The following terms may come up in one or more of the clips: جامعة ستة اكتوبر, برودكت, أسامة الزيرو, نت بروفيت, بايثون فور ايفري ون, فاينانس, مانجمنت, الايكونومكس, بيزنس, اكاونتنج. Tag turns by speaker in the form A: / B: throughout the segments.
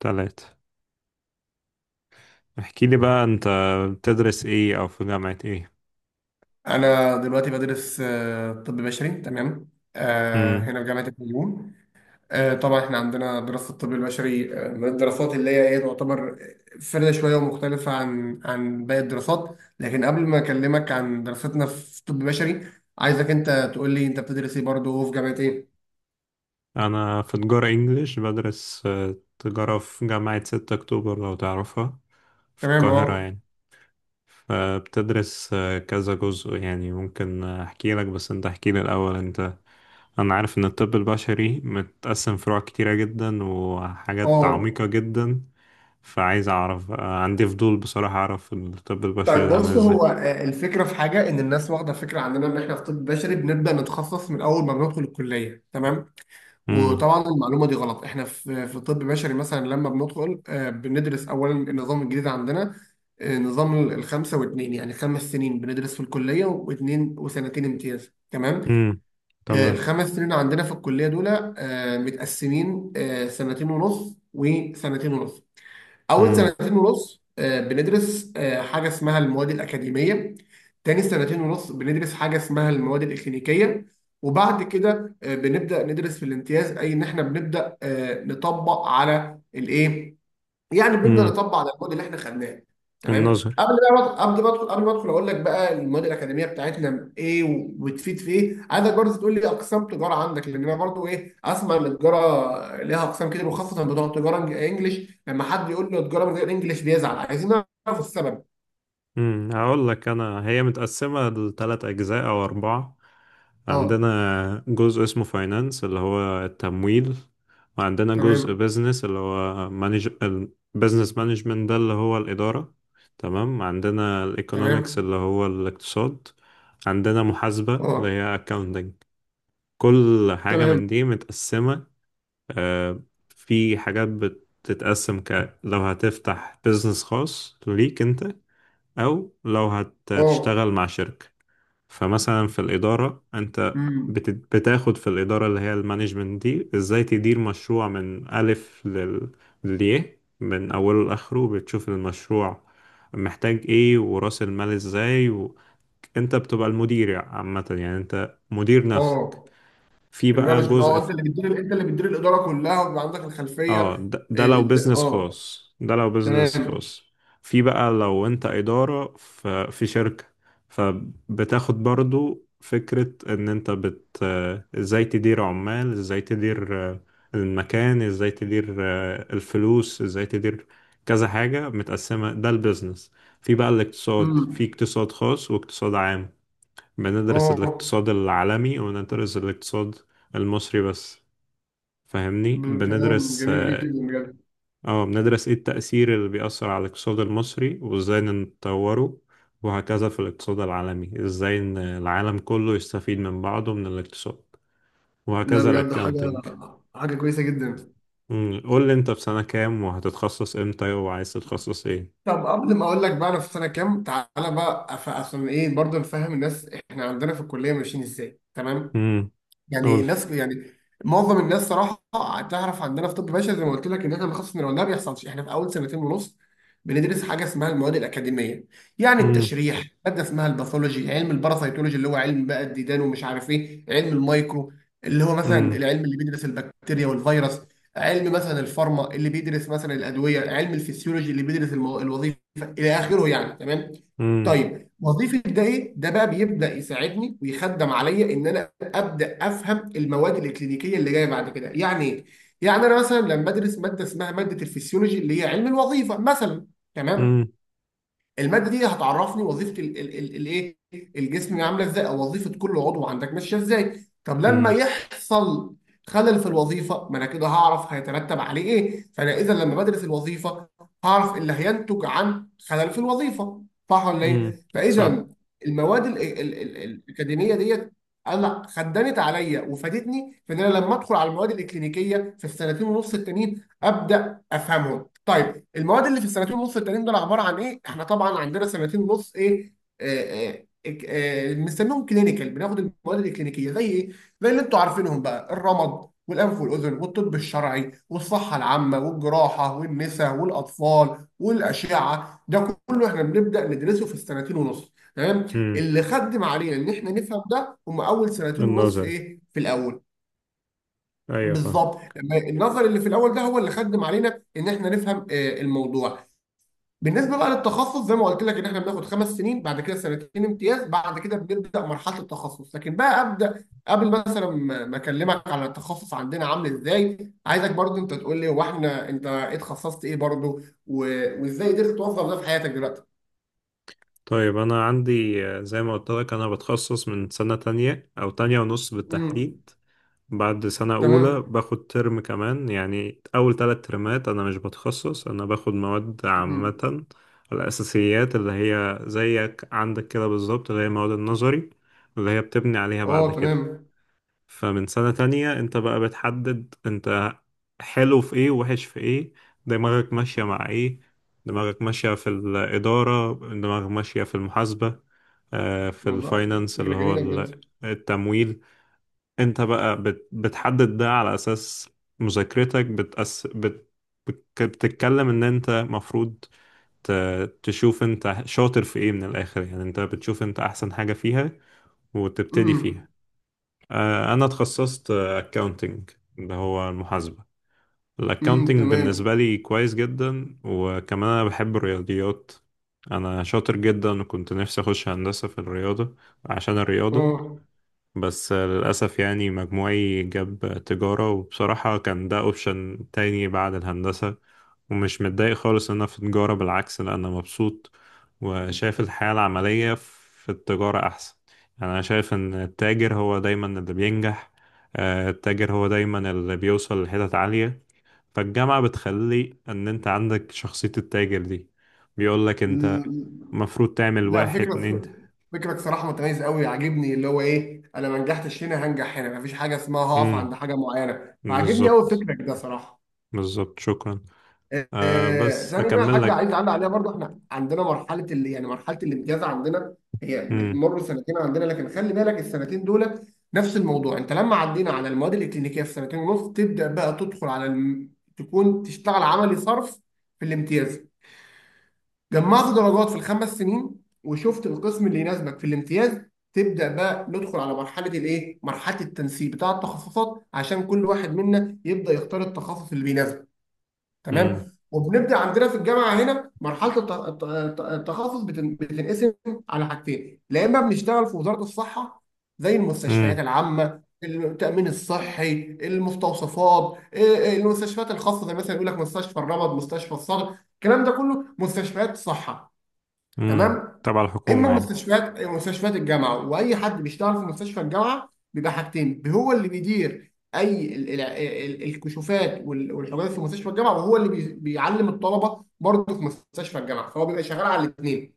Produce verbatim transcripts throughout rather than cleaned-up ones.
A: تلاتة. احكي لي بقى انت، بتدرس ايه او في جامعة ايه؟
B: أنا دلوقتي بدرس آه، طب بشري. تمام. آه،
A: امم.
B: هنا في جامعة الفيوم. آه، طبعا احنا عندنا دراسة الطب البشري آه، من الدراسات اللي هي ايه تعتبر فريدة شوية ومختلفة عن عن باقي الدراسات، لكن قبل ما أكلمك عن دراستنا في طب بشري عايزك أنت تقول لي أنت بتدرس ايه برضه وفي جامعة ايه؟
A: انا في تجارة انجليش، بدرس آه، تجارة في جامعة ستة اكتوبر لو تعرفها، في
B: تمام.
A: القاهرة
B: اه.
A: يعني. فبتدرس آه، كذا جزء، يعني ممكن احكي لك بس انت احكي لي الاول انت. انا عارف ان الطب البشري متقسم فروع كتيرة جدا وحاجات
B: اه،
A: عميقة جدا. فعايز اعرف، آه، عندي فضول بصراحة اعرف الطب البشري
B: طيب
A: ده عامل
B: بص،
A: ازاي.
B: هو آه، الفكرة في حاجة إن الناس واخدة فكرة عندنا إن إحنا في طب بشري بنبدأ نتخصص من أول ما بندخل الكلية، تمام.
A: امم.
B: وطبعا المعلومه دي غلط، احنا في في طب بشري مثلا لما بندخل آه، بندرس اولا النظام الجديد عندنا. آه، نظام ال- الخمسه واثنين، يعني خمس سنين بندرس في الكليه واثنين وسنتين امتياز. تمام.
A: امم.
B: آه،
A: تمام.
B: الخمس سنين عندنا في الكليه دول آه، متقسمين آه، سنتين ونص وسنتين ونص. اول سنتين ونص آه، بندرس آه، حاجه اسمها المواد الاكاديميه. تاني سنتين ونص بندرس حاجه اسمها المواد الاكلينيكيه. وبعد كده آه، بنبدا ندرس في الامتياز، اي ان احنا بنبدا آه، نطبق على الايه، يعني بدنا
A: امم.
B: نطبق على الموديل اللي احنا خدناه. تمام.
A: النظري.
B: قبل بقى قبل ما ادخل قبل ما ادخل اقول لك بقى المواد الاكاديميه بتاعتنا ايه وبتفيد في ايه، عايزك برضه تقول لي اقسام تجاره عندك، لان انا برضه ايه اسمع ان التجاره ليها اقسام كتير وخاصه بتوع تجاره انجليش، لما حد يقول له تجاره من غير انجليش بيزعل، عايزين نعرف السبب.
A: امم هقول لك، انا هي متقسمه لثلاث اجزاء او اربعه.
B: اه.
A: عندنا جزء اسمه فاينانس اللي هو التمويل. وعندنا جزء
B: تمام.
A: بيزنس اللي هو مانج، البيزنس مانجمنت ده اللي هو الاداره. تمام. عندنا الايكونومكس
B: تمام.
A: اللي هو الاقتصاد. عندنا محاسبه اللي
B: اه.
A: هي اكاونتنج. كل حاجه
B: تمام.
A: من دي متقسمه. آه، في حاجات بتتقسم، ك لو هتفتح بيزنس خاص ليك انت، أو لو
B: اه.
A: هتشتغل مع شركة. فمثلا في الإدارة، أنت
B: امم.
A: بت- بتاخد في الإدارة اللي هي المانجمنت دي، إزاي تدير مشروع من ألف لل- للياء، من أوله لآخره. بتشوف المشروع محتاج إيه ورأس المال إزاي و... أنت بتبقى المدير عامة، يعني أنت مدير نفسك.
B: اه،
A: في بقى
B: المانجمنت، اه
A: جزء.
B: انت اللي بتدير، انت اللي بتدير الاداره كلها وبيبقى عندك
A: اه،
B: الخلفيه.
A: ده, ده
B: إيه،
A: لو
B: إز-
A: بيزنس
B: اه.
A: خاص، ده لو بيزنس
B: تمام.
A: خاص. في بقى لو انت إدارة ف- في شركة، فبتاخد برضو فكرة ان انت بت آه، ازاي تدير عمال، ازاي تدير آه، المكان، ازاي تدير آه، الفلوس، ازاي تدير كذا حاجة متقسمة، ده البيزنس. في بقى الاقتصاد، في
B: امم.
A: اقتصاد خاص واقتصاد عام. بندرس
B: اه،
A: الاقتصاد العالمي وندرس الاقتصاد المصري بس، فاهمني؟
B: ب- كلام
A: بندرس،
B: جميل جدا بجد.
A: اه بندرس ايه التأثير اللي بيأثر على الاقتصاد المصري وازاي نطوره، وهكذا في الاقتصاد العالمي، ازاي ان العالم كله يستفيد من بعضه من الاقتصاد،
B: لا
A: وهكذا
B: بجد، حاجه
A: الاكاونتنج.
B: حاجه كويسه جدا.
A: مم، قول لي انت في سنة كام وهتتخصص امتى وعايز تتخصص ايه؟
B: طب قبل ما اقول لك بقى انا في سنه كام، تعالى بقى أف- عشان ايه برضه نفهم الناس احنا عندنا في الكليه ماشيين ازاي. تمام.
A: امم.
B: يعني
A: قول لي.
B: الناس، يعني معظم الناس صراحه، تعرف عندنا في طب بشري زي ما قلت لك ان احنا بنخصص من الولاده، ما بيحصلش. احنا في اول سنتين ونص بندرس حاجه اسمها المواد الاكاديميه. يعني
A: امم
B: التشريح، ماده اسمها الباثولوجي، علم الباراسيتولوجي اللي هو علم بقى الديدان، ومش عارف ايه، علم المايكرو اللي هو مثلا
A: امم.
B: العلم اللي بيدرس البكتيريا والفيروس، علم مثلا الفارما اللي بيدرس مثلا الادويه، علم الفسيولوجي اللي بيدرس المو... الوظيفه، الى اخره يعني. تمام.
A: امم.
B: طيب وظيفه ده ايه، ده بقى بيبدا يساعدني ويخدم عليا ان انا ابدا افهم المواد الاكلينيكيه اللي جايه بعد كده يعني ايه. يعني انا مثلا لما بدرس ماده اسمها ماده الفسيولوجي اللي هي علم الوظيفه مثلا، تمام،
A: امم.
B: الماده دي هتعرفني وظيفه الايه، الجسم عامله ازاي، او وظيفه كل عضو عندك ماشيه ازاي. طب لما
A: امم.
B: يحصل خلل في الوظيفه، ما انا كده هعرف هيترتب عليه ايه. فانا اذا لما بدرس الوظيفه، هعرف اللي هينتج عن خلل في الوظيفه، صح ولا
A: أمم.
B: ايه؟
A: صح.
B: فاذا المواد ال- ال- ال- الاكاديميه ديت انا خدمت عليا وفادتني في ان انا لما ادخل على المواد الاكلينيكيه في السنتين ونص التانيين ابدا افهمهم. طيب المواد اللي في السنتين ونص التانيين دول عباره عن ايه؟ احنا طبعا عندنا سنتين ونص ايه؟ آه، آه، آه، بنسميهم كلينيكال، بناخد المواد الكلينيكيه زي ايه؟ زي اللي انتوا عارفينهم بقى، الرمد والانف والاذن والطب الشرعي والصحه العامه والجراحه والنساء والاطفال والاشعه، ده كله احنا بنبدا ندرسه في السنتين ونص، تمام؟
A: امم.
B: اللي خدم علينا ان احنا نفهم ده هم اول سنتين ونص
A: النظري.
B: ايه؟ في الاول.
A: ايوه فاهم.
B: بالظبط لما النظر اللي في الاول ده هو اللي خدم علينا ان احنا نفهم آه، الموضوع. بالنسبه بقى للتخصص، زي ما قلت لك ان احنا بناخد خمس سنين، بعد كده سنتين امتياز، بعد كده بنبدا مرحله التخصص. لكن بقى ابدا قبل مثلا ما ما اكلمك على التخصص عندنا عامل ازاي، عايزك برضو انت تقول لي هو احنا انت ايه اتخصصت ايه برضو و- وازاي قدرت توظف ده في حياتك دلوقتي.
A: طيب انا عندي، آه، زي ما قلت لك انا بتخصص من سنة تانية او تانية ونص
B: امم.
A: بالتحديد. بعد سنة أولى
B: تمام.
A: باخد ترم كمان، يعني أول تلات ترمات أنا مش بتخصص، أنا باخد مواد
B: امم.
A: عامة. الأساسيات اللي هي زيك عندك كده بالظبط، اللي هي مواد النظري اللي هي بتبني عليها بعد
B: اه.
A: كده.
B: تمام.
A: فمن سنة تانية أنت بقى بتحدد أنت حلو في إيه ووحش في إيه، دماغك ماشية مع إيه، دماغك ماشية في الإدارة، دماغك ماشية في المحاسبة، آه، في
B: موضوع،
A: الفاينانس
B: فكره
A: اللي
B: جميله
A: هو
B: بجد.
A: التمويل. انت بقى بت... بتحدد ده على اساس مذاكرتك بتأس... بت... بت- بتتكلم ان انت مفروض، ت... تشوف انت شاطر في ايه من الاخر، يعني انت بتشوف انت احسن حاجة فيها وتبتدي
B: امم.
A: فيها. آه، انا اتخصصت اكاونتنج اللي هو المحاسبة.
B: امم.
A: الاكاونتنج
B: تمام.
A: بالنسبة لي كويس جدا، وكمان انا بحب الرياضيات. انا شاطر جدا، وكنت نفسي اخش هندسة في الرياضة عشان الرياضة،
B: اه.
A: بس للأسف يعني مجموعي جاب تجارة. وبصراحة كان ده أوبشن تاني بعد الهندسة، ومش متضايق خالص إن أنا في تجارة، بالعكس لأ أنا مبسوط. وشايف الحياة العملية في التجارة أحسن. يعني أنا شايف إن التاجر هو دايما اللي بينجح، آه، التاجر هو دايما اللي بيوصل لحتت عالية. فالجامعة بتخلي إن أنت عندك شخصية التاجر دي. بيقولك أنت المفروض تعمل
B: لا،
A: واحد اتنين.
B: فكرة فكرك صراحة متميز قوي، عاجبني اللي هو ايه، انا ما نجحتش هنا، هنجح هنا، مفيش حاجة اسمها هقف عند
A: مم،
B: حاجة معينة. فعاجبني قوي
A: بالظبط.
B: فكرك ده صراحة.
A: بالظبط شكرا. آه
B: آه،
A: بس
B: ثاني بقى
A: أكمل
B: حاجة عايز
A: لك.
B: اعلق عليها برضو، احنا عندنا مرحلة اللي يعني مرحلة الامتياز عندنا، هي
A: مم.
B: بتمر سنتين عندنا. لكن خلي بالك السنتين دول نفس الموضوع، انت لما عدينا على المواد الاكلينيكية في سنتين ونص تبدأ بقى تدخل على الم... تكون تشتغل عملي صرف في الامتياز. جمعت درجات في الخمس سنين وشفت القسم اللي يناسبك في الامتياز، تبدأ بقى ندخل على مرحلة الايه؟ مرحلة التنسيق بتاع التخصصات عشان كل واحد منا يبدأ يختار التخصص اللي بيناسبه،
A: مم.
B: تمام؟ وبنبدأ عندنا في الجامعة هنا مرحلة الت- الت- الت- التخصص بتن- بتنقسم على حاجتين، لا إما بنشتغل في وزارة الصحة زي
A: مم.
B: المستشفيات العامة، التأمين الصحي، المستوصفات، إيه، المستشفيات الخاصة زي مثلا يقول لك مستشفى الرمد، مستشفى الصدر، الكلام ده كله مستشفيات صحة.
A: مم.
B: تمام.
A: تبع
B: اما
A: الحكومة يعني.
B: مستشفيات مستشفيات الجامعه، واي حد بيشتغل في مستشفى الجامعه بيبقى حاجتين، هو اللي بيدير اي ال- ال- ال- الكشوفات وال- والحاجات في مستشفى الجامعه، وهو اللي بي- بيعلم الطلبه برضه في مستشفى الجامعه، فهو بيبقى شغال على الاثنين.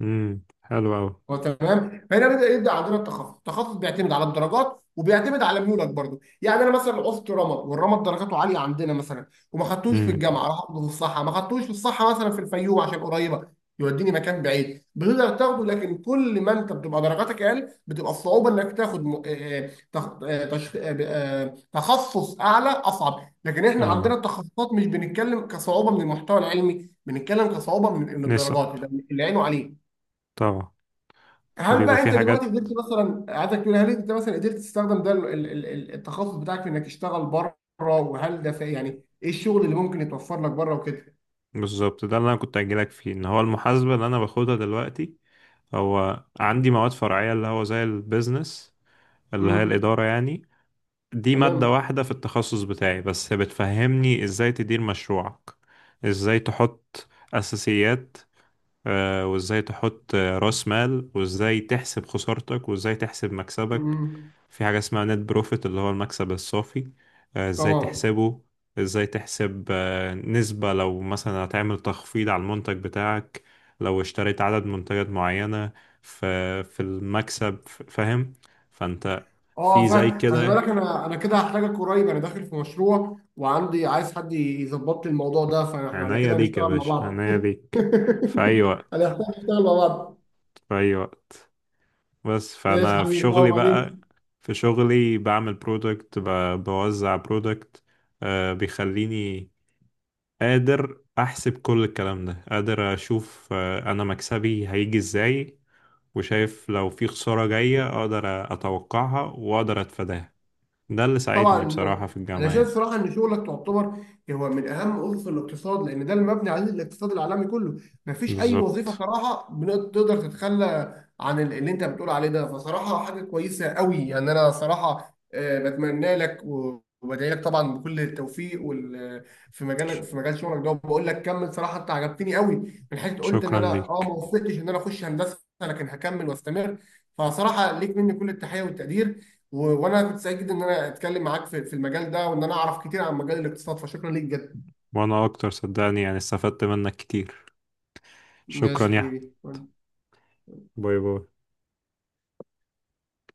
A: مم. حلو أوي.
B: هو تمام. فهنا بدا يبدا عندنا التخصص، التخصص بيعتمد على الدرجات وبيعتمد على ميولك برضو. يعني انا مثلا عوزت رمد والرمد درجاته عاليه عندنا مثلا، وما خدتوش في
A: مم.
B: الجامعه، راح اخده في الصحه، ما خدتوش في الصحه مثلا في الفيوم عشان قريبه، يوديني مكان بعيد بتقدر تاخده. لكن كل ما انت بتبقى درجاتك اقل بتبقى الصعوبه انك تاخد م... آه، آه، تخ... آه، تش... آه، آه، تخصص اعلى اصعب. لكن احنا عندنا
A: اه
B: التخصصات مش بنتكلم كصعوبه من المحتوى العلمي، بنتكلم كصعوبه من من
A: نسب.
B: الدرجات، يبقى اللي عينه عليه.
A: طبعا.
B: هل
A: بيبقى
B: بقى
A: في
B: انت دلوقتي
A: حاجات.
B: قدرت مثلا، عايزك تقول هل انت مثلا قدرت تستخدم ده ال- ال- ال- التخصص بتاعك في انك تشتغل بره، وهل ده في يعني ايه الشغل اللي ممكن يتوفر لك بره وكده.
A: بالظبط، ده اللي أنا كنت أجيلك فيه إن هو المحاسبة اللي أنا باخدها دلوقتي، هو عندي مواد فرعية اللي هو زي البيزنس اللي هي
B: امم.
A: الإدارة يعني. دي مادة
B: تمام.
A: واحدة في التخصص بتاعي بس، بتفهمني إزاي تدير مشروعك، إزاي تحط أساسيات، آه، وازاي تحط آه، راس مال، وازاي تحسب خسارتك، وازاي تحسب مكسبك.
B: امم.
A: في حاجة اسمها نت بروفيت اللي هو المكسب الصافي، آه، ازاي
B: طبعا.
A: تحسبه، ازاي تحسب آه، نسبة لو مثلا هتعمل تخفيض على المنتج بتاعك، لو اشتريت عدد منتجات معينة في في المكسب، ف- فاهم؟ فانت
B: اه،
A: في زي
B: فا خلي
A: كده.
B: بالك، انا انا كده هحتاجك قريب، انا داخل في مشروع وعندي عايز حد يظبط لي الموضوع ده، فاحنا على
A: عناية
B: كده
A: ليك يا
B: هنشتغل مع
A: باشا،
B: بعض.
A: عناية ليك. في أي وقت،
B: هنحتاج نشتغل مع بعض.
A: في أي وقت. بس
B: ماشي يا
A: فانا في
B: حبيبي، اه
A: شغلي بقى،
B: وبعدين.
A: في شغلي بعمل برودكت، بوزع برودكت. بيخليني قادر احسب كل الكلام ده، قادر اشوف آه، انا مكسبي هيجي ازاي، وشايف لو في خسارة جاية اقدر اتوقعها واقدر اتفاداها. ده اللي
B: طبعا،
A: ساعدني بصراحة في
B: انا
A: الجامعة
B: شايف
A: يعني.
B: صراحه ان شغلك تعتبر هو من اهم اسس الاقتصاد لان ده المبني عليه الاقتصاد العالمي كله. مفيش اي وظيفه
A: بالظبط
B: صراحه بن- تقدر تتخلى عن ال- اللي انت بتقول عليه ده. فصراحه حاجه كويسه قوي، يعني انا صراحه آه، بتمنى لك و- وبدعي لك طبعا بكل التوفيق وال في مجالك، في مجال شغلك ده، وبقول لك كمل صراحه انت عجبتني قوي، من حيث قلت ان
A: شكرا
B: انا اه ما
A: ليك.
B: وفقتش ان انا اخش هندسه لكن هكمل واستمر. فصراحه ليك مني كل التحيه والتقدير، و- وانا كنت سعيد ان انا اتكلم معاك في في المجال ده وان انا اعرف كتير عن مجال الاقتصاد، فشكرا ليك جدا.
A: وانا اكتر صدقني، يعني استفدت منك كتير. شكرا
B: ماشي
A: يا أحمد.
B: حبيبي.
A: باي باي.